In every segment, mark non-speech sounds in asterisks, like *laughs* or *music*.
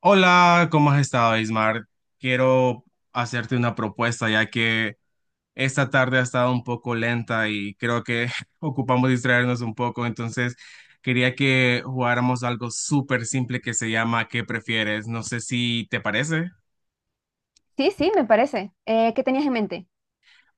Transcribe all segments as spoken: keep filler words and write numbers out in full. Hola, ¿cómo has estado, Ismar? Quiero hacerte una propuesta, ya que esta tarde ha estado un poco lenta y creo que *laughs* ocupamos distraernos un poco, entonces quería que jugáramos algo súper simple que se llama ¿Qué prefieres? No sé si te parece. Sí, sí, me parece. Eh, ¿qué tenías en mente?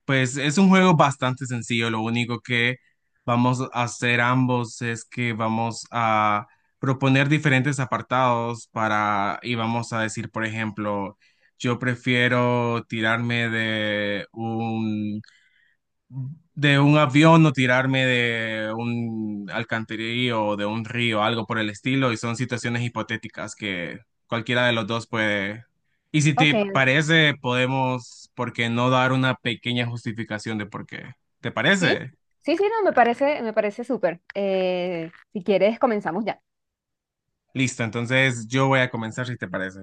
Pues es un juego bastante sencillo, lo único que vamos a hacer ambos es que vamos a proponer diferentes apartados para y vamos a decir, por ejemplo, yo prefiero tirarme de de un avión o tirarme de un alcantarillo o de un río, algo por el estilo, y son situaciones hipotéticas que cualquiera de los dos puede. Y si Ok, te parece, podemos, ¿por qué no dar una pequeña justificación de por qué? ¿Te sí, parece? sí, sí, no, me parece, me parece súper. Eh, si quieres, comenzamos ya. Listo, entonces yo voy a comenzar si te parece.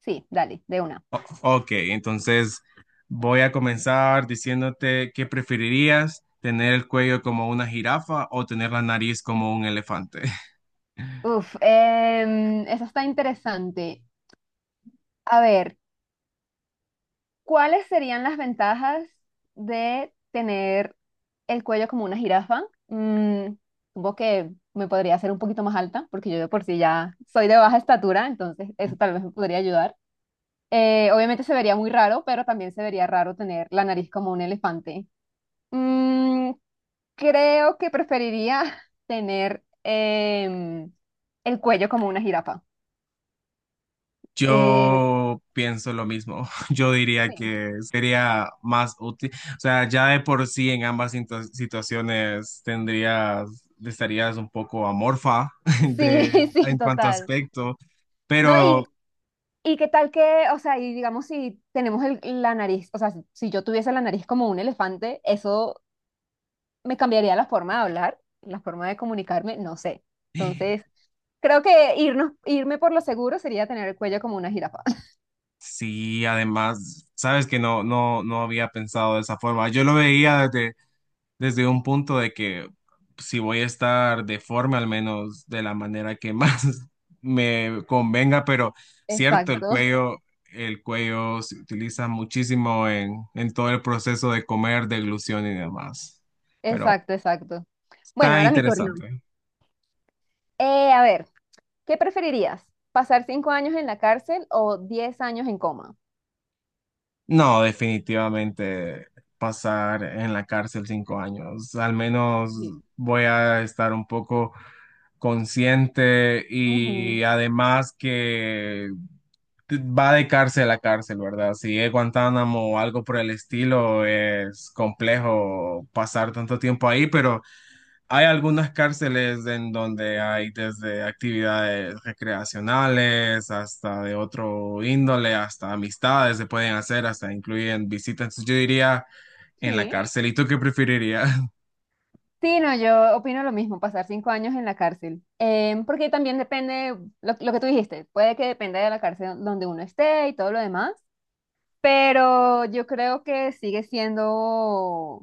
Sí, dale, de una. Ok, entonces voy a comenzar diciéndote qué preferirías, tener el cuello como una jirafa o tener la nariz como un elefante. Uf, em, eso está interesante. A ver, ¿cuáles serían las ventajas de tener el cuello como una jirafa? Mm, Supongo que me podría hacer un poquito más alta, porque yo de por sí ya soy de baja estatura, entonces eso tal vez me podría ayudar. Eh, obviamente se vería muy raro, pero también se vería raro tener la nariz como un elefante. Mm, Creo que preferiría *laughs* tener em, el cuello como una jirafa. Eh, Yo pienso lo mismo. *laughs* Yo diría sí, que sería más útil. O sea, ya de por sí en ambas situ- situaciones tendrías, estarías un poco amorfa sí, *laughs* *laughs* de, sí, en cuanto a total. aspecto, No, y, pero y qué tal que, o sea, y digamos si tenemos el- la nariz, o sea, si si yo tuviese la nariz como un elefante, eso me cambiaría la forma de hablar, la forma de comunicarme, no sé. Entonces, creo que irnos, irme por lo seguro sería tener el cuello como una jirafa. sí, además, sabes que no, no, no había pensado de esa forma. Yo lo veía desde un punto de que si voy a estar deforme, al menos de la manera que más *laughs* me convenga, pero cierto, el Exacto, cuello, el cuello se utiliza muchísimo en, en todo el proceso de comer, deglución y demás. Pero exacto, exacto. Bueno, está ahora mi turno. interesante. Eh, a ver, ¿qué preferirías? ¿Pasar cinco años en la cárcel o diez años en coma? No, definitivamente pasar en la cárcel cinco años. Al menos Sí. voy a estar un poco consciente Ujú. y además que va de cárcel a cárcel, ¿verdad? Si es Guantánamo o algo por el estilo, es complejo pasar tanto tiempo ahí, pero hay algunas cárceles en donde hay desde actividades recreacionales hasta de otro índole, hasta amistades se pueden hacer, hasta incluyen visitas. Entonces, yo diría en la Sí. cárcel. ¿Y tú qué preferirías? *laughs* Sí, no, yo opino lo mismo, pasar cinco años en la cárcel. Em, porque también depende, lo, lo que tú dijiste, puede que dependa de la cárcel donde uno esté y todo lo demás, pero yo creo que sigue siendo,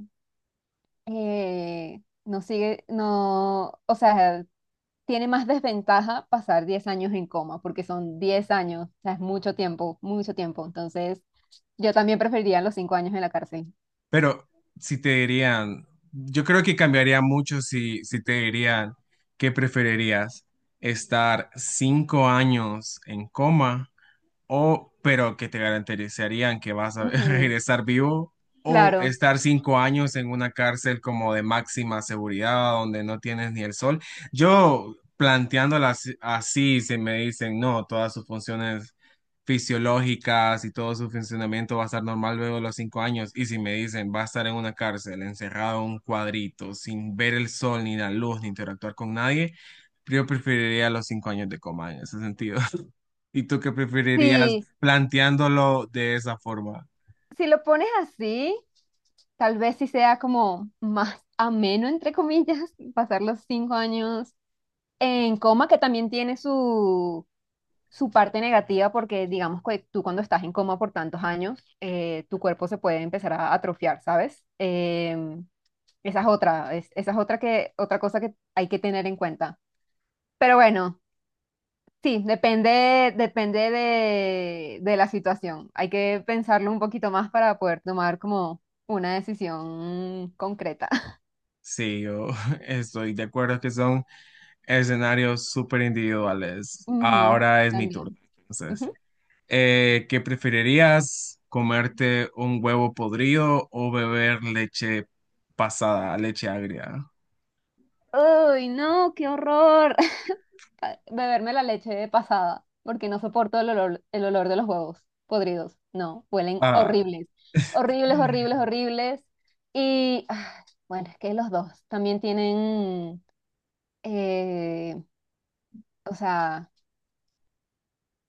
eh, no sigue, no, o sea, tiene más desventaja pasar diez años en coma, porque son diez años, o sea, es mucho tiempo, mucho tiempo. Entonces, yo también preferiría los cinco años en la cárcel. Pero si te dirían, yo creo que cambiaría mucho si, si te dirían que preferirías estar cinco años en coma o pero que te garantizarían que vas a *laughs* Ujú, regresar vivo o claro. estar cinco años en una cárcel como de máxima seguridad donde no tienes ni el sol. Yo planteándolas así, se me dicen, no, todas sus funciones fisiológicas y todo su funcionamiento va a estar normal luego de los cinco años. Y si me dicen, va a estar en una cárcel, encerrado en un cuadrito, sin ver el sol, ni la luz, ni interactuar con nadie, yo preferiría los cinco años de coma en ese sentido. ¿Y tú qué preferirías Sí, planteándolo de esa forma? si lo pones así, tal vez sí sea como más ameno, entre comillas, *laughs* pasar los cinco años en coma, que también tiene su, su parte negativa, porque digamos que tú cuando estás en coma por tantos años, eh, tu cuerpo se puede empezar a atrofiar, ¿sabes? Em, Esa es otra, es- esa es otra que, otra cosa que hay que tener en cuenta. Pero bueno, sí, depende, depende de, de la situación. Hay que pensarlo un poquito más para poder tomar como una decisión concreta. *laughs* Sí, yo *laughs* estoy de acuerdo que son escenarios súper individuales. Ujú, Ahora es mi turno. también. Entonces, Ujú. eh, ¿qué preferirías? ¿Comerte un huevo podrido o beber leche pasada, leche agria? Uy, no, qué horror. A- beberme la leche de pasada, porque no soporto el olor, el olor de los huevos podridos. No, huelen Ah. horribles, horribles, horribles, horribles. Y ah, bueno, es que los dos también tienen, eh, o sea,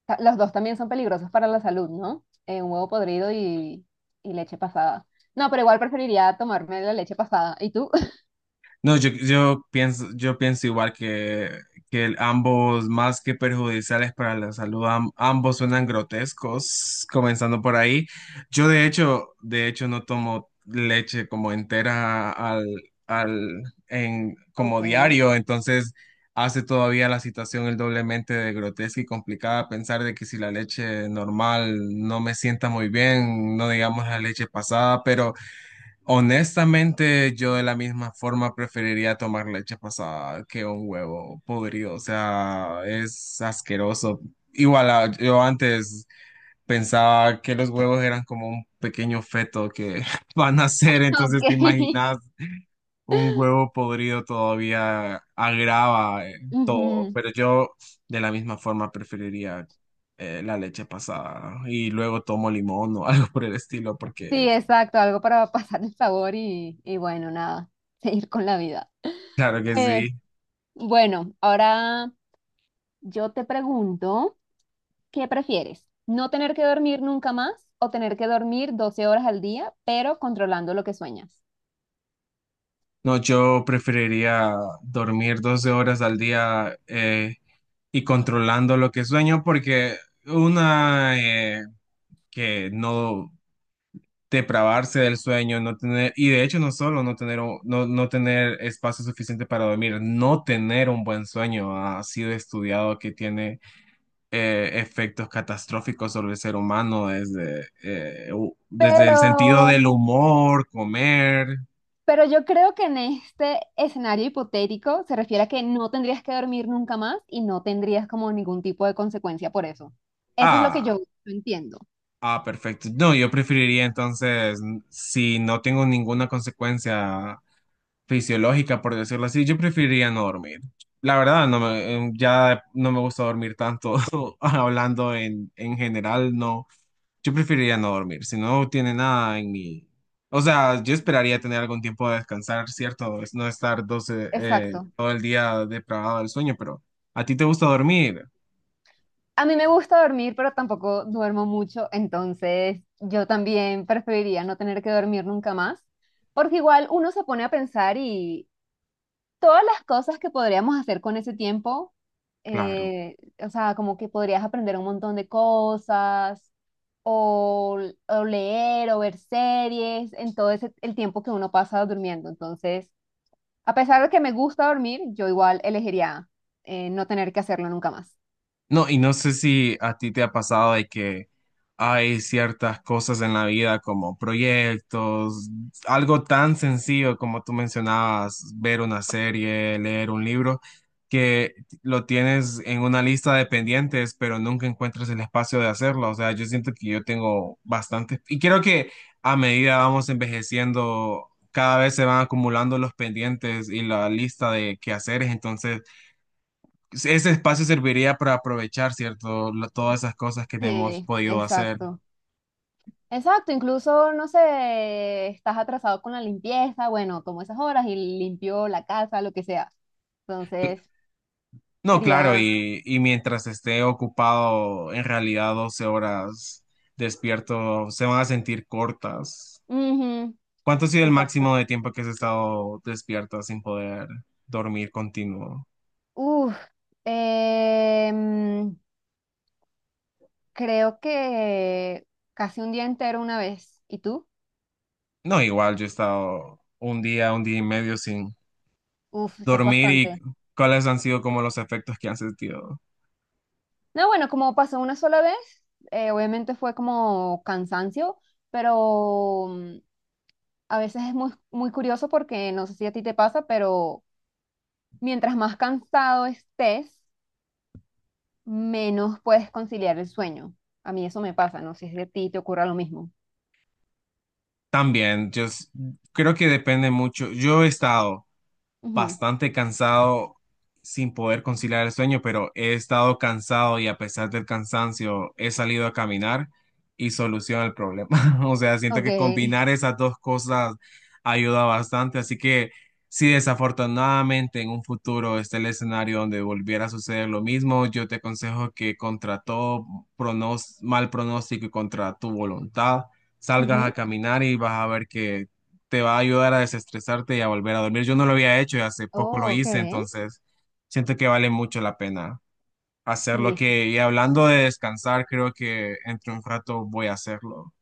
ta- los dos también son peligrosos para la salud, ¿no? Eh, un huevo podrido y, y leche pasada. No, pero igual preferiría tomarme la leche pasada. ¿Y tú? *laughs* No, yo, yo pienso, yo pienso igual que, que el- ambos, más que perjudiciales para la salud, am- ambos suenan grotescos, comenzando por ahí. Yo de hecho, de hecho no tomo leche como entera al, al, en, como Ok, diario, entonces hace todavía la situación el doblemente de grotesca y complicada pensar de que si la leche normal no me sienta muy bien, no digamos la leche pasada, pero. Honestamente, yo de la misma forma preferiría tomar leche pasada que un huevo podrido. O sea, es asqueroso. Igual, ah, yo antes pensaba que los huevos eran como un pequeño feto que *laughs* van a ser. Entonces, ¿te ok. imaginas un huevo podrido todavía agrava eh, *laughs* todo? Ujú. Pero yo de la misma forma preferiría eh, la leche pasada. Y luego tomo limón o *laughs* algo por el estilo, Sí, porque exacto, algo para *laughs* pasar el sabor y, y bueno, nada, *laughs* seguir con la vida. claro que Eh, sí. bueno, ahora yo te pregunto, ¿qué prefieres? ¿No tener que dormir nunca más o tener que dormir doce horas al día, pero controlando lo que sueñas? No, yo preferiría dormir doce horas al día eh, y controlando lo que sueño porque una eh, que no depravarse del sueño, no tener, y de hecho no solo no tener, un- no, no tener espacio suficiente para dormir, no tener un buen sueño ha sido estudiado que tiene eh, efectos catastróficos sobre el ser humano desde, eh, u- desde el sentido Pero, del humor, comer. pero yo creo que en este escenario hipotético se refiere a que no tendrías que dormir nunca más y no tendrías como ningún tipo de consecuencia por eso. Eso es lo que Ah. yo entiendo. Ah, perfecto. No, yo preferiría entonces, n- si no tengo ninguna consecuencia fisiológica, por decirlo así, yo preferiría no dormir. La verdad, no me, eh, ya no me gusta dormir tanto, *laughs* hablando en, en general, no. Yo preferiría no dormir, si no tiene nada en mi. O sea, yo esperaría tener algún tiempo de descansar, ¿cierto? Es no estar doce, eh, Exacto. todo el día depravado del sueño, pero ¿a ti te gusta dormir? A mí me gusta dormir, pero tampoco duermo mucho, entonces yo también preferiría no tener que dormir nunca más, porque igual uno se pone a pensar y todas las cosas que podríamos hacer con ese tiempo, Claro. eh, o sea, como que podrías aprender un montón de cosas, o, o leer, o ver series, en todo ese, el tiempo que uno pasa durmiendo. Entonces, a pesar de que me gusta dormir, yo igual elegiría eh, no tener que hacerlo nunca más. No, y no sé si a ti te ha pasado de que hay ciertas cosas en la vida como proyectos, algo tan sencillo como tú mencionabas, ver una serie, leer un libro, que lo tienes en una lista de pendientes, pero nunca encuentras el espacio de hacerlo. O sea, yo siento que yo tengo bastante, y creo que a medida vamos envejeciendo, cada vez se van acumulando los pendientes y la lista de quehaceres, entonces ese espacio serviría para aprovechar, ¿cierto? Lo- todas esas cosas que no hemos Sí, podido hacer. exacto. Exacto, incluso, no sé, estás atrasado con la limpieza, bueno, tomo esas horas y limpio la casa, lo que sea. Entonces, No, claro, sería... y, y mientras esté ocupado, en realidad doce horas despierto se van a sentir cortas. Ujú, ¿Cuánto ha sido el exacto. máximo de tiempo que has estado despierta sin poder dormir continuo? Uf, em, creo que casi un día entero una vez. ¿Y tú? No, igual yo he estado un día, un día y medio sin Uf, eso es dormir y bastante. cuáles han sido como los efectos que han sentido. No, bueno, como pasó una sola vez, eh, obviamente fue como cansancio, pero mm, a veces es muy, muy curioso porque no sé si a ti te pasa, pero mientras más cansado estés, menos puedes conciliar el sueño. A mí eso me pasa, no sé si a ti te ocurra lo mismo. También, yo s- creo que depende mucho. Yo he estado Ujú. bastante cansado sin poder conciliar el sueño, pero he estado cansado y a pesar del cansancio he salido a caminar y soluciona el problema. *laughs* O sea, siento que Ok. combinar esas dos cosas ayuda bastante, así que si desafortunadamente en un futuro está el escenario donde volviera a suceder lo mismo, yo te aconsejo que contra todo pronos- mal pronóstico y contra tu voluntad, *laughs* salgas a Ujú. caminar y vas a ver que te va a ayudar a desestresarte y a volver a dormir. Yo no lo había hecho y hace poco lo Oh, ok. hice, entonces siento que vale mucho la pena hacerlo. Listo. Que, y hablando de descansar, creo que entre un rato voy a hacerlo.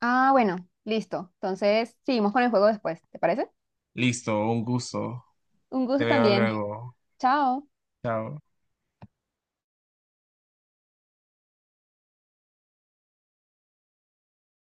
Ah, bueno, listo. Entonces, seguimos con el juego después, ¿te parece? Listo, un gusto. Un Te gusto veo también. luego. Chao. Chao.